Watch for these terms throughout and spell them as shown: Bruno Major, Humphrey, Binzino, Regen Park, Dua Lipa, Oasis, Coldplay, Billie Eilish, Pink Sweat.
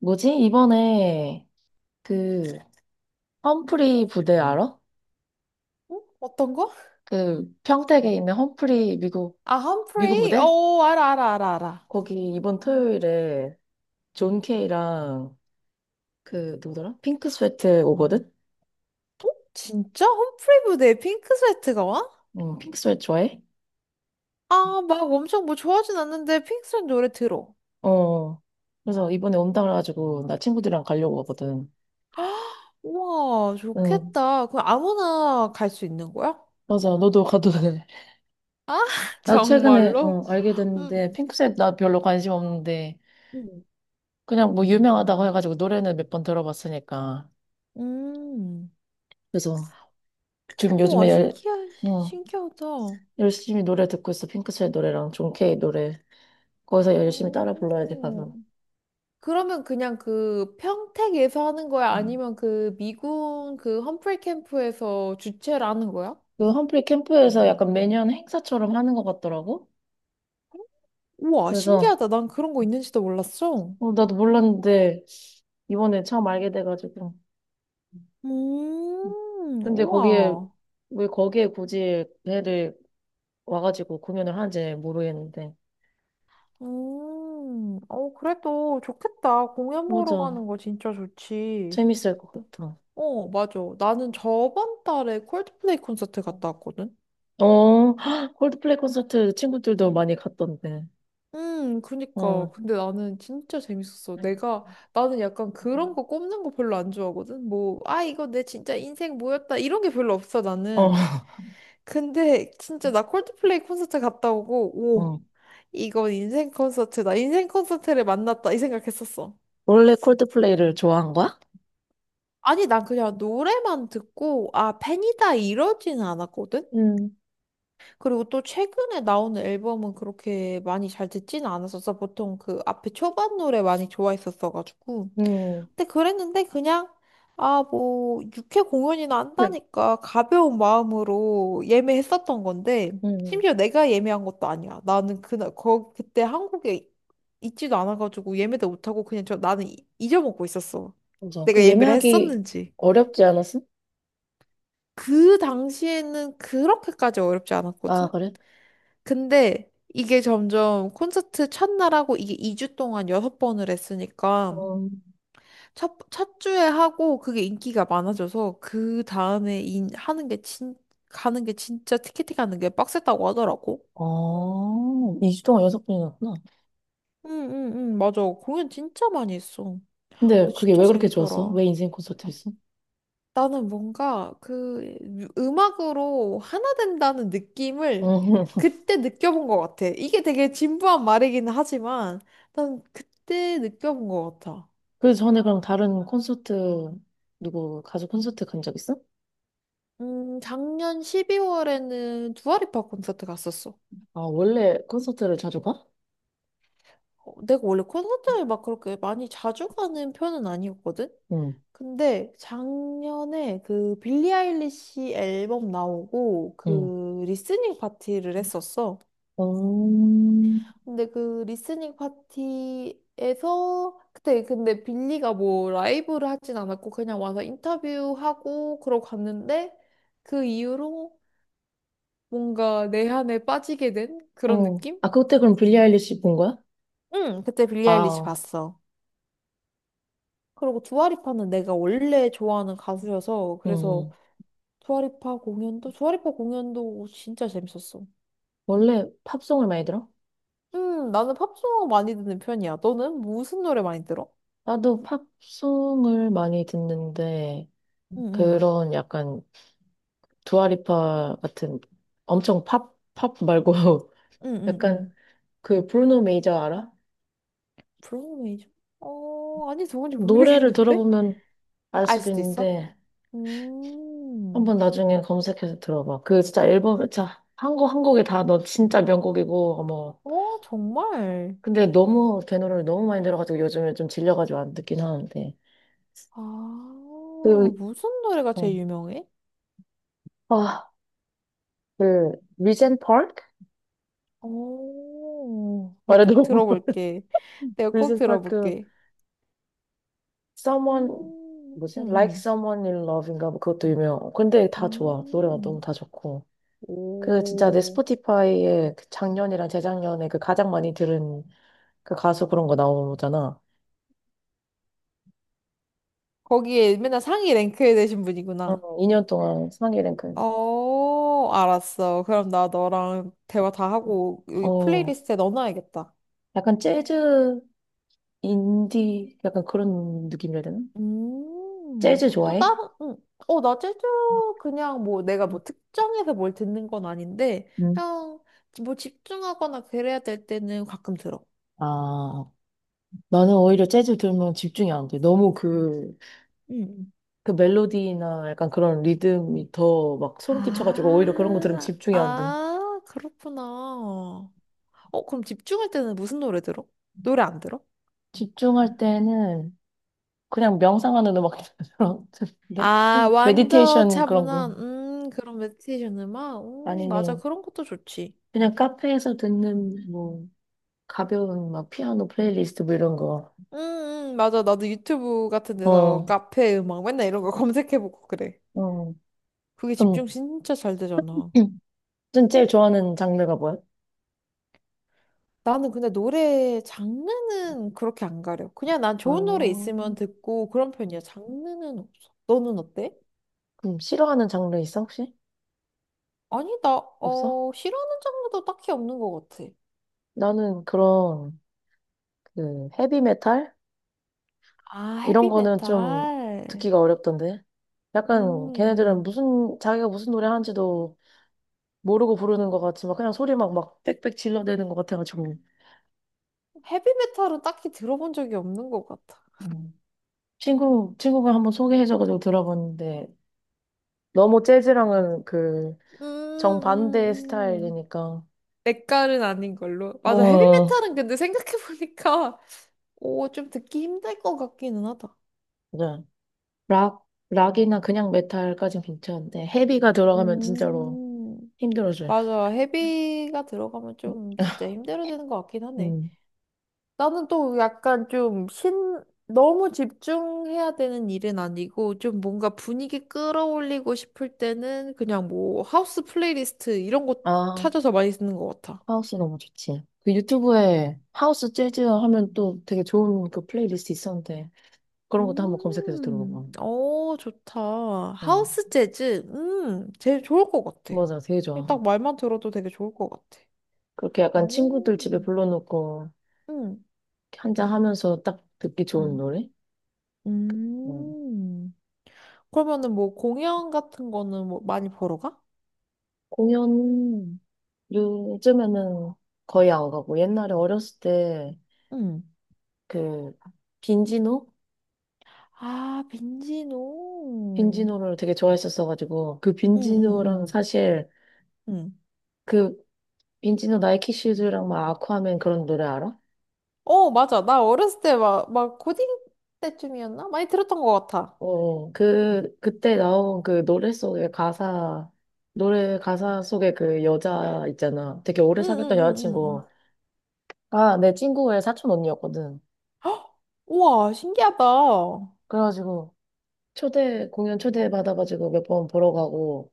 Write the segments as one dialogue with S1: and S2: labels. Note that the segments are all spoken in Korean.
S1: 뭐지? 이번에 그 험프리 부대 알아?
S2: 어? 어떤 거?
S1: 그 평택에 있는 험프리 미국
S2: 아,
S1: 미군
S2: 험프레이?
S1: 부대?
S2: 어, 알아, 알아, 알아, 알아.
S1: 거기 이번 토요일에 존 케이랑 그 누구더라? 핑크 스웨트 오거든?
S2: 어? 진짜? 험프레이 무대에 핑크 스웨트가 와?
S1: 응, 핑크 스웨트 좋아해?
S2: 아, 막 엄청 뭐 좋아하진 않는데 핑크 스웨트 노래 들어.
S1: 어. 그래서 이번에 온다 그래가지고 나 친구들이랑 가려고 하거든.
S2: 우와,
S1: 응.
S2: 좋겠다. 그럼 아무나 갈 수 있는 거야?
S1: 맞아. 너도 가도 돼. 나 최근에 응,
S2: 정말로?
S1: 알게 됐는데
S2: 음,
S1: 핑크 스웨트 나 별로 관심 없는데
S2: 응.
S1: 그냥 뭐 유명하다고 해가지고 노래는 몇 번 들어봤으니까.
S2: 음. 음.
S1: 그래서 지금
S2: 우와,
S1: 요즘에 어,
S2: 신기하다.
S1: 열심히 노래 듣고 있어. 핑크스의 노래랑 존 케이 노래. 거기서 열심히 따라 불러야 돼,
S2: 오.
S1: 가서.
S2: 그러면 그냥 그 평택에서 하는 거야?
S1: 음.
S2: 아니면 그 미군 그 험프레이 캠프에서 주최를 하는 거야?
S1: 그 험프리 캠프에서 약간 매년 행사처럼 하는 것 같더라고.
S2: 우와,
S1: 그래서
S2: 신기하다. 난 그런 거 있는지도 몰랐어.
S1: 나도 몰랐는데 이번에 처음 알게 돼가지고. 근데 거기에
S2: 우와.
S1: 왜 거기에 굳이 배를 와가지고 공연을 하는지 모르겠는데.
S2: 어, 그래도 좋겠다. 공연 보러
S1: 맞아.
S2: 가는 거 진짜 좋지.
S1: 재밌을 것 같아.
S2: 어, 맞아. 나는 저번 달에 콜드플레이 콘서트
S1: 어,
S2: 갔다 왔거든?
S1: 헉, 콜드플레이 콘서트 친구들도 많이 갔던데.
S2: 그니까.
S1: 어,
S2: 근데 나는 진짜 재밌었어.
S1: 네.
S2: 내가, 나는 약간 그런 거 꼽는 거 별로 안 좋아하거든? 뭐, 아, 이거 내 진짜 인생 뭐였다. 이런 게 별로 없어,
S1: 어.
S2: 나는. 근데 진짜 나 콜드플레이 콘서트 갔다 오고, 오,
S1: 응.
S2: 이건 인생 콘서트다. 인생 콘서트를 만났다. 이 생각했었어.
S1: 원래 콜드플레이를 좋아한 거야?
S2: 아니, 난 그냥 노래만 듣고, 아, 팬이다 이러지는 않았거든?
S1: 음,
S2: 그리고 또 최근에 나오는 앨범은 그렇게 많이 잘 듣진 않았었어. 보통 그 앞에 초반 노래 많이 좋아했었어가지고.
S1: 음,
S2: 근데 그랬는데 그냥, 아, 뭐, 육회 공연이나
S1: 그래.
S2: 한다니까 가벼운 마음으로 예매했었던 건데,
S1: 음,
S2: 심지어 내가 예매한 것도 아니야. 나는 그날, 거, 그때 한국에 있지도 않아가지고 예매도 못하고 그냥 저 나는 이- 잊어먹고 있었어.
S1: 맞아.
S2: 내가
S1: 그
S2: 예매를
S1: 예매하기
S2: 했었는지.
S1: 어렵지 않았어?
S2: 그 당시에는 그렇게까지 어렵지
S1: 아,
S2: 않았거든?
S1: 그래?
S2: 근데 이게 점점 콘서트 첫날하고 이게 2주 동안 6번을 했으니까
S1: 어,
S2: 첫 주에 하고 그게 인기가 많아져서 그 다음에 인, 하는 게 진, 가는 게 진짜 티켓팅 가는 게 빡셌다고 하더라고.
S1: 어, 2주 동안 연속 분이었구나.
S2: 응, 응, 응, 맞아. 공연 진짜 많이 했어.
S1: 근데
S2: 근데
S1: 그게
S2: 진짜
S1: 왜 그렇게 좋았어?
S2: 재밌더라.
S1: 왜 인생 콘서트였어?
S2: 나는 뭔가 그 음악으로 하나 된다는 느낌을
S1: 음.
S2: 그때 느껴본 것 같아. 이게 되게 진부한 말이기는 하지만 난 그때 느껴본 것 같아.
S1: 그 전에 그럼 다른 콘서트, 누구 가수 콘서트 간 적 있어?
S2: 작년 12월에는 두아리파 콘서트 갔었어.
S1: 아, 원래 콘서트를 자주 가?
S2: 어, 내가 원래 콘서트를 막 그렇게 많이 자주 가는 편은 아니었거든?
S1: 응,
S2: 근데 작년에 그 빌리 아일리시 앨범 나오고
S1: 응.
S2: 그 리스닝 파티를 했었어.
S1: 음,
S2: 근데 그 리스닝 파티에서 그때 근데 빌리가 뭐 라이브를 하진 않았고 그냥 와서 인터뷰하고 그러고 갔는데 그 이후로 뭔가 내한에 빠지게 된 그런
S1: 어.
S2: 느낌?
S1: 아, 그때 그럼 빌리 아일리시 본 거야?
S2: 응, 그때 빌리 아일리시
S1: 아,
S2: 봤어. 그리고 두아리파는 내가 원래 좋아하는 가수여서 그래서
S1: 응.
S2: 두아리파 공연도 진짜 재밌었어.
S1: 원래 팝송을 많이 들어?
S2: 나는 팝송 많이 듣는 편이야. 너는 무슨 노래 많이 들어?
S1: 나도 팝송을 많이 듣는데,
S2: 응, 응,
S1: 그런 약간 두아리파 같은 엄청 팝, 팝 말고,
S2: 응, 응, 응.
S1: 약간 그 브루노 메이저 알아?
S2: 브로우메이션? 어, 아니, 누군지
S1: 노래를
S2: 모르겠는데?
S1: 들어보면 알
S2: 알
S1: 수도
S2: 수도 있어?
S1: 있는데,
S2: 음,
S1: 한번 나중에 검색해서 들어봐. 그 진짜 앨범, 자, 한 곡 한 곡이 다 너 진짜 명곡이고, 어머.
S2: 어, 정말.
S1: 근데 너무 걔 노래를 너무 많이 들어가지고 요즘에 좀 질려가지고 안 듣긴 하는데. 그,
S2: 아, 무슨 노래가
S1: 어,
S2: 제일 유명해?
S1: 아, 그, 리젠 파크?
S2: 오, 나꼭
S1: 말해도
S2: 들어볼게. 내가 꼭
S1: 리젠 파크
S2: 들어볼게.
S1: someone
S2: 음,
S1: 뭐지? Like
S2: 음,
S1: Someone in Love인가 뭐 그것도 유명. 근데 다 좋아.
S2: 음,
S1: 노래가 너무
S2: 음.
S1: 다 좋고. 그 진짜 내
S2: 오,
S1: 스포티파이에 그 작년이랑 재작년에 그 가장 많이 들은 그 가수 그런 거 나오잖아.
S2: 거기에 맨날 상위 랭크에 되신 분이구나.
S1: 어, 2년 동안 상위 랭크.
S2: 어, 알았어. 그럼 나 너랑 대화 다 하고 여기
S1: 어,
S2: 플레이리스트에 넣어놔야겠다.
S1: 약간 재즈 인디 약간 그런 느낌이라 해야 되나? 재즈
S2: 또
S1: 좋아해?
S2: 다른, 어, 나 제주 그냥 뭐 내가 뭐 특정해서 뭘 듣는 건 아닌데,
S1: 응.
S2: 그냥 뭐 집중하거나 그래야 될 때는 가끔 들어.
S1: 아, 나는 오히려 재즈 들으면 집중이 안 돼. 너무 그
S2: 음
S1: 그 멜로디나 약간 그런 리듬이 더 막 소름 끼쳐가지고 오히려 그런 거 들으면
S2: 아,
S1: 집중이 안 돼.
S2: 아, 그렇구나. 어, 그럼 집중할 때는 무슨 노래 들어? 노래 안 들어?
S1: 집중할 때는 그냥 명상하는 음악 들었는데
S2: 아, 완전
S1: 메디테이션 그런
S2: 차분한,
S1: 거
S2: 그런 메디테이션 음악? 맞아.
S1: 아니면
S2: 그런 것도 좋지.
S1: 그냥 카페에서 듣는 뭐 가벼운 막 피아노 플레이리스트 뭐 이런 거.
S2: 음, 맞아. 나도 유튜브 같은 데서
S1: 어,
S2: 카페 음악 맨날 이런 거 검색해보고 그래.
S1: 어.
S2: 그게
S1: 그럼
S2: 집중 진짜 잘 되잖아.
S1: 넌 제일 좋아하는 장르가 뭐야?
S2: 나는 근데 노래 장르는 그렇게 안 가려. 그냥 난
S1: 아,
S2: 좋은 노래 있으면 듣고 그런 편이야. 장르는 없어. 너는 어때?
S1: 그럼 싫어하는 장르 있어 혹시?
S2: 아니, 나,
S1: 없어?
S2: 어, 싫어하는 장르도 딱히 없는 것 같아.
S1: 나는 그런 그 헤비메탈?
S2: 아,
S1: 이런 거는 좀
S2: 헤비메탈.
S1: 듣기가 어렵던데. 약간 걔네들은
S2: 음,
S1: 무슨 자기가 무슨 노래 하는지도 모르고 부르는 것 같지만 그냥 소리 막 막 빽빽 질러대는 것 같아가지고
S2: 헤비메탈은 딱히 들어본 적이 없는 것 같아.
S1: 음. 친구가 한번 소개해줘가지고 들어봤는데 너무 재즈랑은 그
S2: 음,
S1: 정반대
S2: 음, 음.
S1: 스타일이니까
S2: 내 깔은 아닌 걸로. 맞아,
S1: 어,
S2: 헤비메탈은 근데 생각해보니까, 오, 좀 듣기 힘들 것 같기는 하다.
S1: 맞아. 락 락이나 그냥 메탈까진 괜찮은데 헤비가 들어가면 진짜로
S2: 음.
S1: 힘들어져요.
S2: 맞아. 헤비가 들어가면 좀 진짜 힘들어지는 것 같긴 하네.
S1: 음.
S2: 나는 또 약간 좀 신, 너무 집중해야 되는 일은 아니고 좀 뭔가 분위기 끌어올리고 싶을 때는 그냥 뭐 하우스 플레이리스트 이런 거
S1: 아,
S2: 찾아서 많이 쓰는 것 같아.
S1: 하우스 너무 좋지. 그 유튜브에 하우스 재즈 하면 또 되게 좋은 그 플레이리스트 있었는데 그런 것도 한번 검색해서 들어봐봐.
S2: 어, 좋다.
S1: 응.
S2: 하우스 재즈, 제일 좋을 것 같아.
S1: 맞아, 되게 좋아.
S2: 딱 말만 들어도 되게 좋을 것 같아.
S1: 그렇게 약간 친구들
S2: 오,
S1: 집에 불러놓고
S2: 음,
S1: 한잔 하면서 딱 듣기 좋은 노래? 응.
S2: 음. 그러면은 뭐 공연 같은 거는 뭐 많이 보러 가?
S1: 공연 요즘에는 거의 안 가고 옛날에 어렸을 때
S2: 응.
S1: 그 빈지노?
S2: 아, 빈지노.
S1: 빈지노를 되게 좋아했었어가지고 그
S2: 응, 응,
S1: 빈지노랑
S2: 응,
S1: 사실
S2: 응.
S1: 그 빈지노 나이키 슈즈랑 막 아쿠아맨 그런 노래 알아?
S2: 어, 맞아. 나 어렸을 때 막 고딩 때쯤이었나? 많이 들었던 것 같아.
S1: 어, 그때 나온 그 노래 속의 가사, 노래 가사 속에 그 여자 있잖아. 되게 오래
S2: 응,
S1: 사귀었던
S2: 응, 응, 응,
S1: 여자친구.
S2: 응.
S1: 아, 내 친구의 사촌 언니였거든.
S2: 헉! 우와, 신기하다.
S1: 그래가지고 공연 초대받아가지고 몇 번 보러 가고,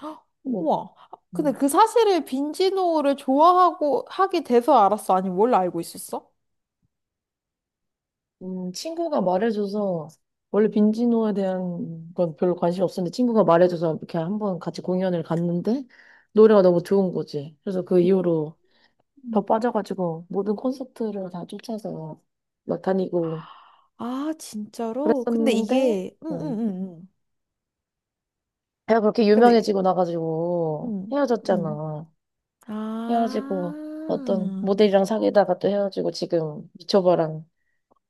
S2: 헉!
S1: 뭐,
S2: 우와. 근데
S1: 음,
S2: 그 사실을 빈지노를 좋아하고 하게 돼서 알았어. 아니, 원래 알고 있었어?
S1: 친구가 말해줘서, 원래 빈지노에 대한 건 별로 관심이 없었는데, 친구가 말해줘서 이렇게 한번 같이 공연을 갔는데, 노래가 너무 좋은 거지. 그래서 그 이후로 더
S2: 음.
S1: 빠져가지고 모든 콘서트를 다 쫓아서 막 다니고
S2: 아, 진짜로? 근데
S1: 그랬었는데
S2: 이게, 응, 응,
S1: 음.
S2: 응, 응.
S1: 내가 그렇게
S2: 근데,
S1: 유명해지고 나가지고
S2: 응, 응.
S1: 헤어졌잖아.
S2: 아,
S1: 헤어지고 어떤 모델이랑 사귀다가 또 헤어지고 지금 미초바랑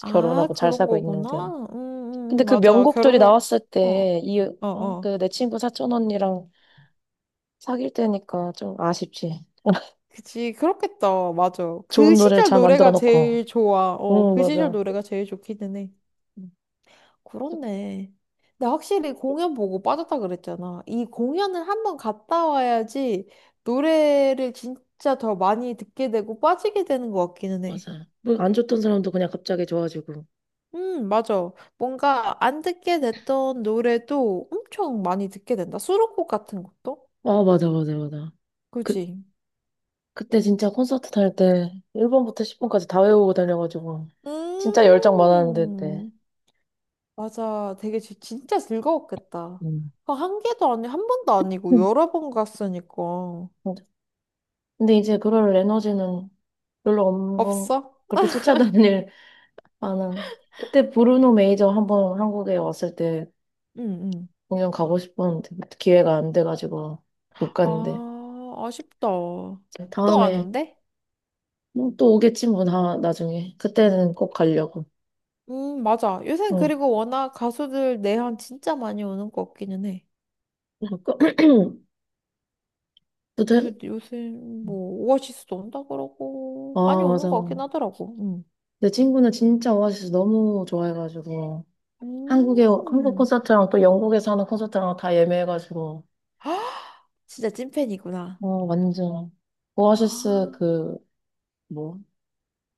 S2: 아,
S1: 결혼하고 잘
S2: 그런
S1: 살고 있는데
S2: 거구나.
S1: 근데 그
S2: 맞아.
S1: 명곡들이
S2: 결혼하고,
S1: 나왔을
S2: 어,
S1: 때 이
S2: 어,
S1: 어?
S2: 어.
S1: 그 내 친구 사촌 언니랑 사귈 때니까 좀 아쉽지.
S2: 그치, 그렇겠다. 맞아. 그
S1: 좋은 노래를
S2: 시절
S1: 잘 만들어
S2: 노래가
S1: 놓고.
S2: 제일 좋아. 어,
S1: 응,
S2: 그 시절
S1: 맞아.
S2: 노래가 제일 좋기는 해.
S1: 응,
S2: 그렇네. 근데 확실히 공연 보고 빠졌다 그랬잖아. 이 공연을 한 번 갔다 와야지 노래를 진짜 더 많이 듣게 되고 빠지게 되는 것 같기는 해.
S1: 맞아. 뭐 안 좋던 사람도 그냥 갑자기 좋아지고.
S2: 맞아. 뭔가 안 듣게 됐던 노래도 엄청 많이 듣게 된다. 수록곡 같은 것도?
S1: 아, 맞아, 맞아, 맞아. 그,
S2: 그지?
S1: 그때 진짜 콘서트 다닐 때 1번부터 10번까지 다 외우고 다녀가지고 진짜 열정 많았는데, 그때.
S2: 음, 맞아. 되게 진짜 즐거웠겠다.
S1: 음.
S2: 그거 한 개도 아니, 한 번도 아니고
S1: 음.
S2: 여러 번 갔으니까.
S1: 맞아. 근데 이제 그럴 에너지는 별로 없는 건
S2: 없어?
S1: 그렇게 쫓아다닐 만한. 그때 브루노 메이저 한 번 한국에 왔을 때
S2: 응, 응.
S1: 공연 가고 싶었는데 기회가 안 돼가지고 못 갔는데
S2: 아, 아쉽다. 또 안
S1: 다음에
S2: 온대?
S1: 뭐 또 오겠지 뭐 나중에 그때는 꼭 가려고.
S2: 맞아. 요새
S1: 어.
S2: 그리고 워낙 가수들 내한 진짜 많이 오는 거 같기는 해.
S1: 그때
S2: 요새, 뭐, 오아시스도 온다 그러고, 많이
S1: 아, 맞아.
S2: 오는 것 같긴 하더라고. 음.
S1: 내 친구는 진짜 오아시스 너무 좋아해가지고 한국
S2: 음.
S1: 콘서트랑 또 영국에서 하는 콘서트랑 다 예매해가지고
S2: 진짜 찐팬이구나.
S1: 어, 완전. 오아시스
S2: 아,
S1: 그 뭐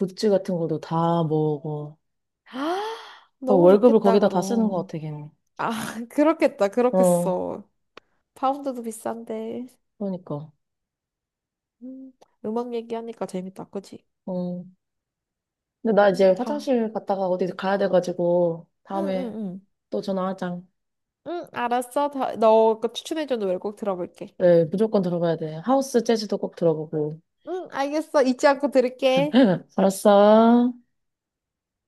S1: 굿즈 같은 것도 다 모으고
S2: 아,
S1: 거의
S2: 너무
S1: 월급을
S2: 좋겠다,
S1: 거기다 다 쓰는 것
S2: 그럼.
S1: 같아 걔는.
S2: 아, 그렇겠다,
S1: 어,
S2: 그렇겠어. 파운드도 비싼데.
S1: 그러니까.
S2: 음, 음악 얘기하니까 재밌다, 그치?
S1: 어, 근데 나
S2: 어,
S1: 이제
S2: 다.
S1: 화장실 갔다가 어디 가야 돼가지고
S2: 응, 응,
S1: 다음에
S2: 응.
S1: 또 전화하자.
S2: 응, 알았어. 다, 너그 추천해준 노래 꼭 들어볼게.
S1: 네, 무조건 들어가야 돼. 하우스 재즈도 꼭 들어보고.
S2: 응, 알겠어. 잊지 않고 들을게.
S1: 알았어.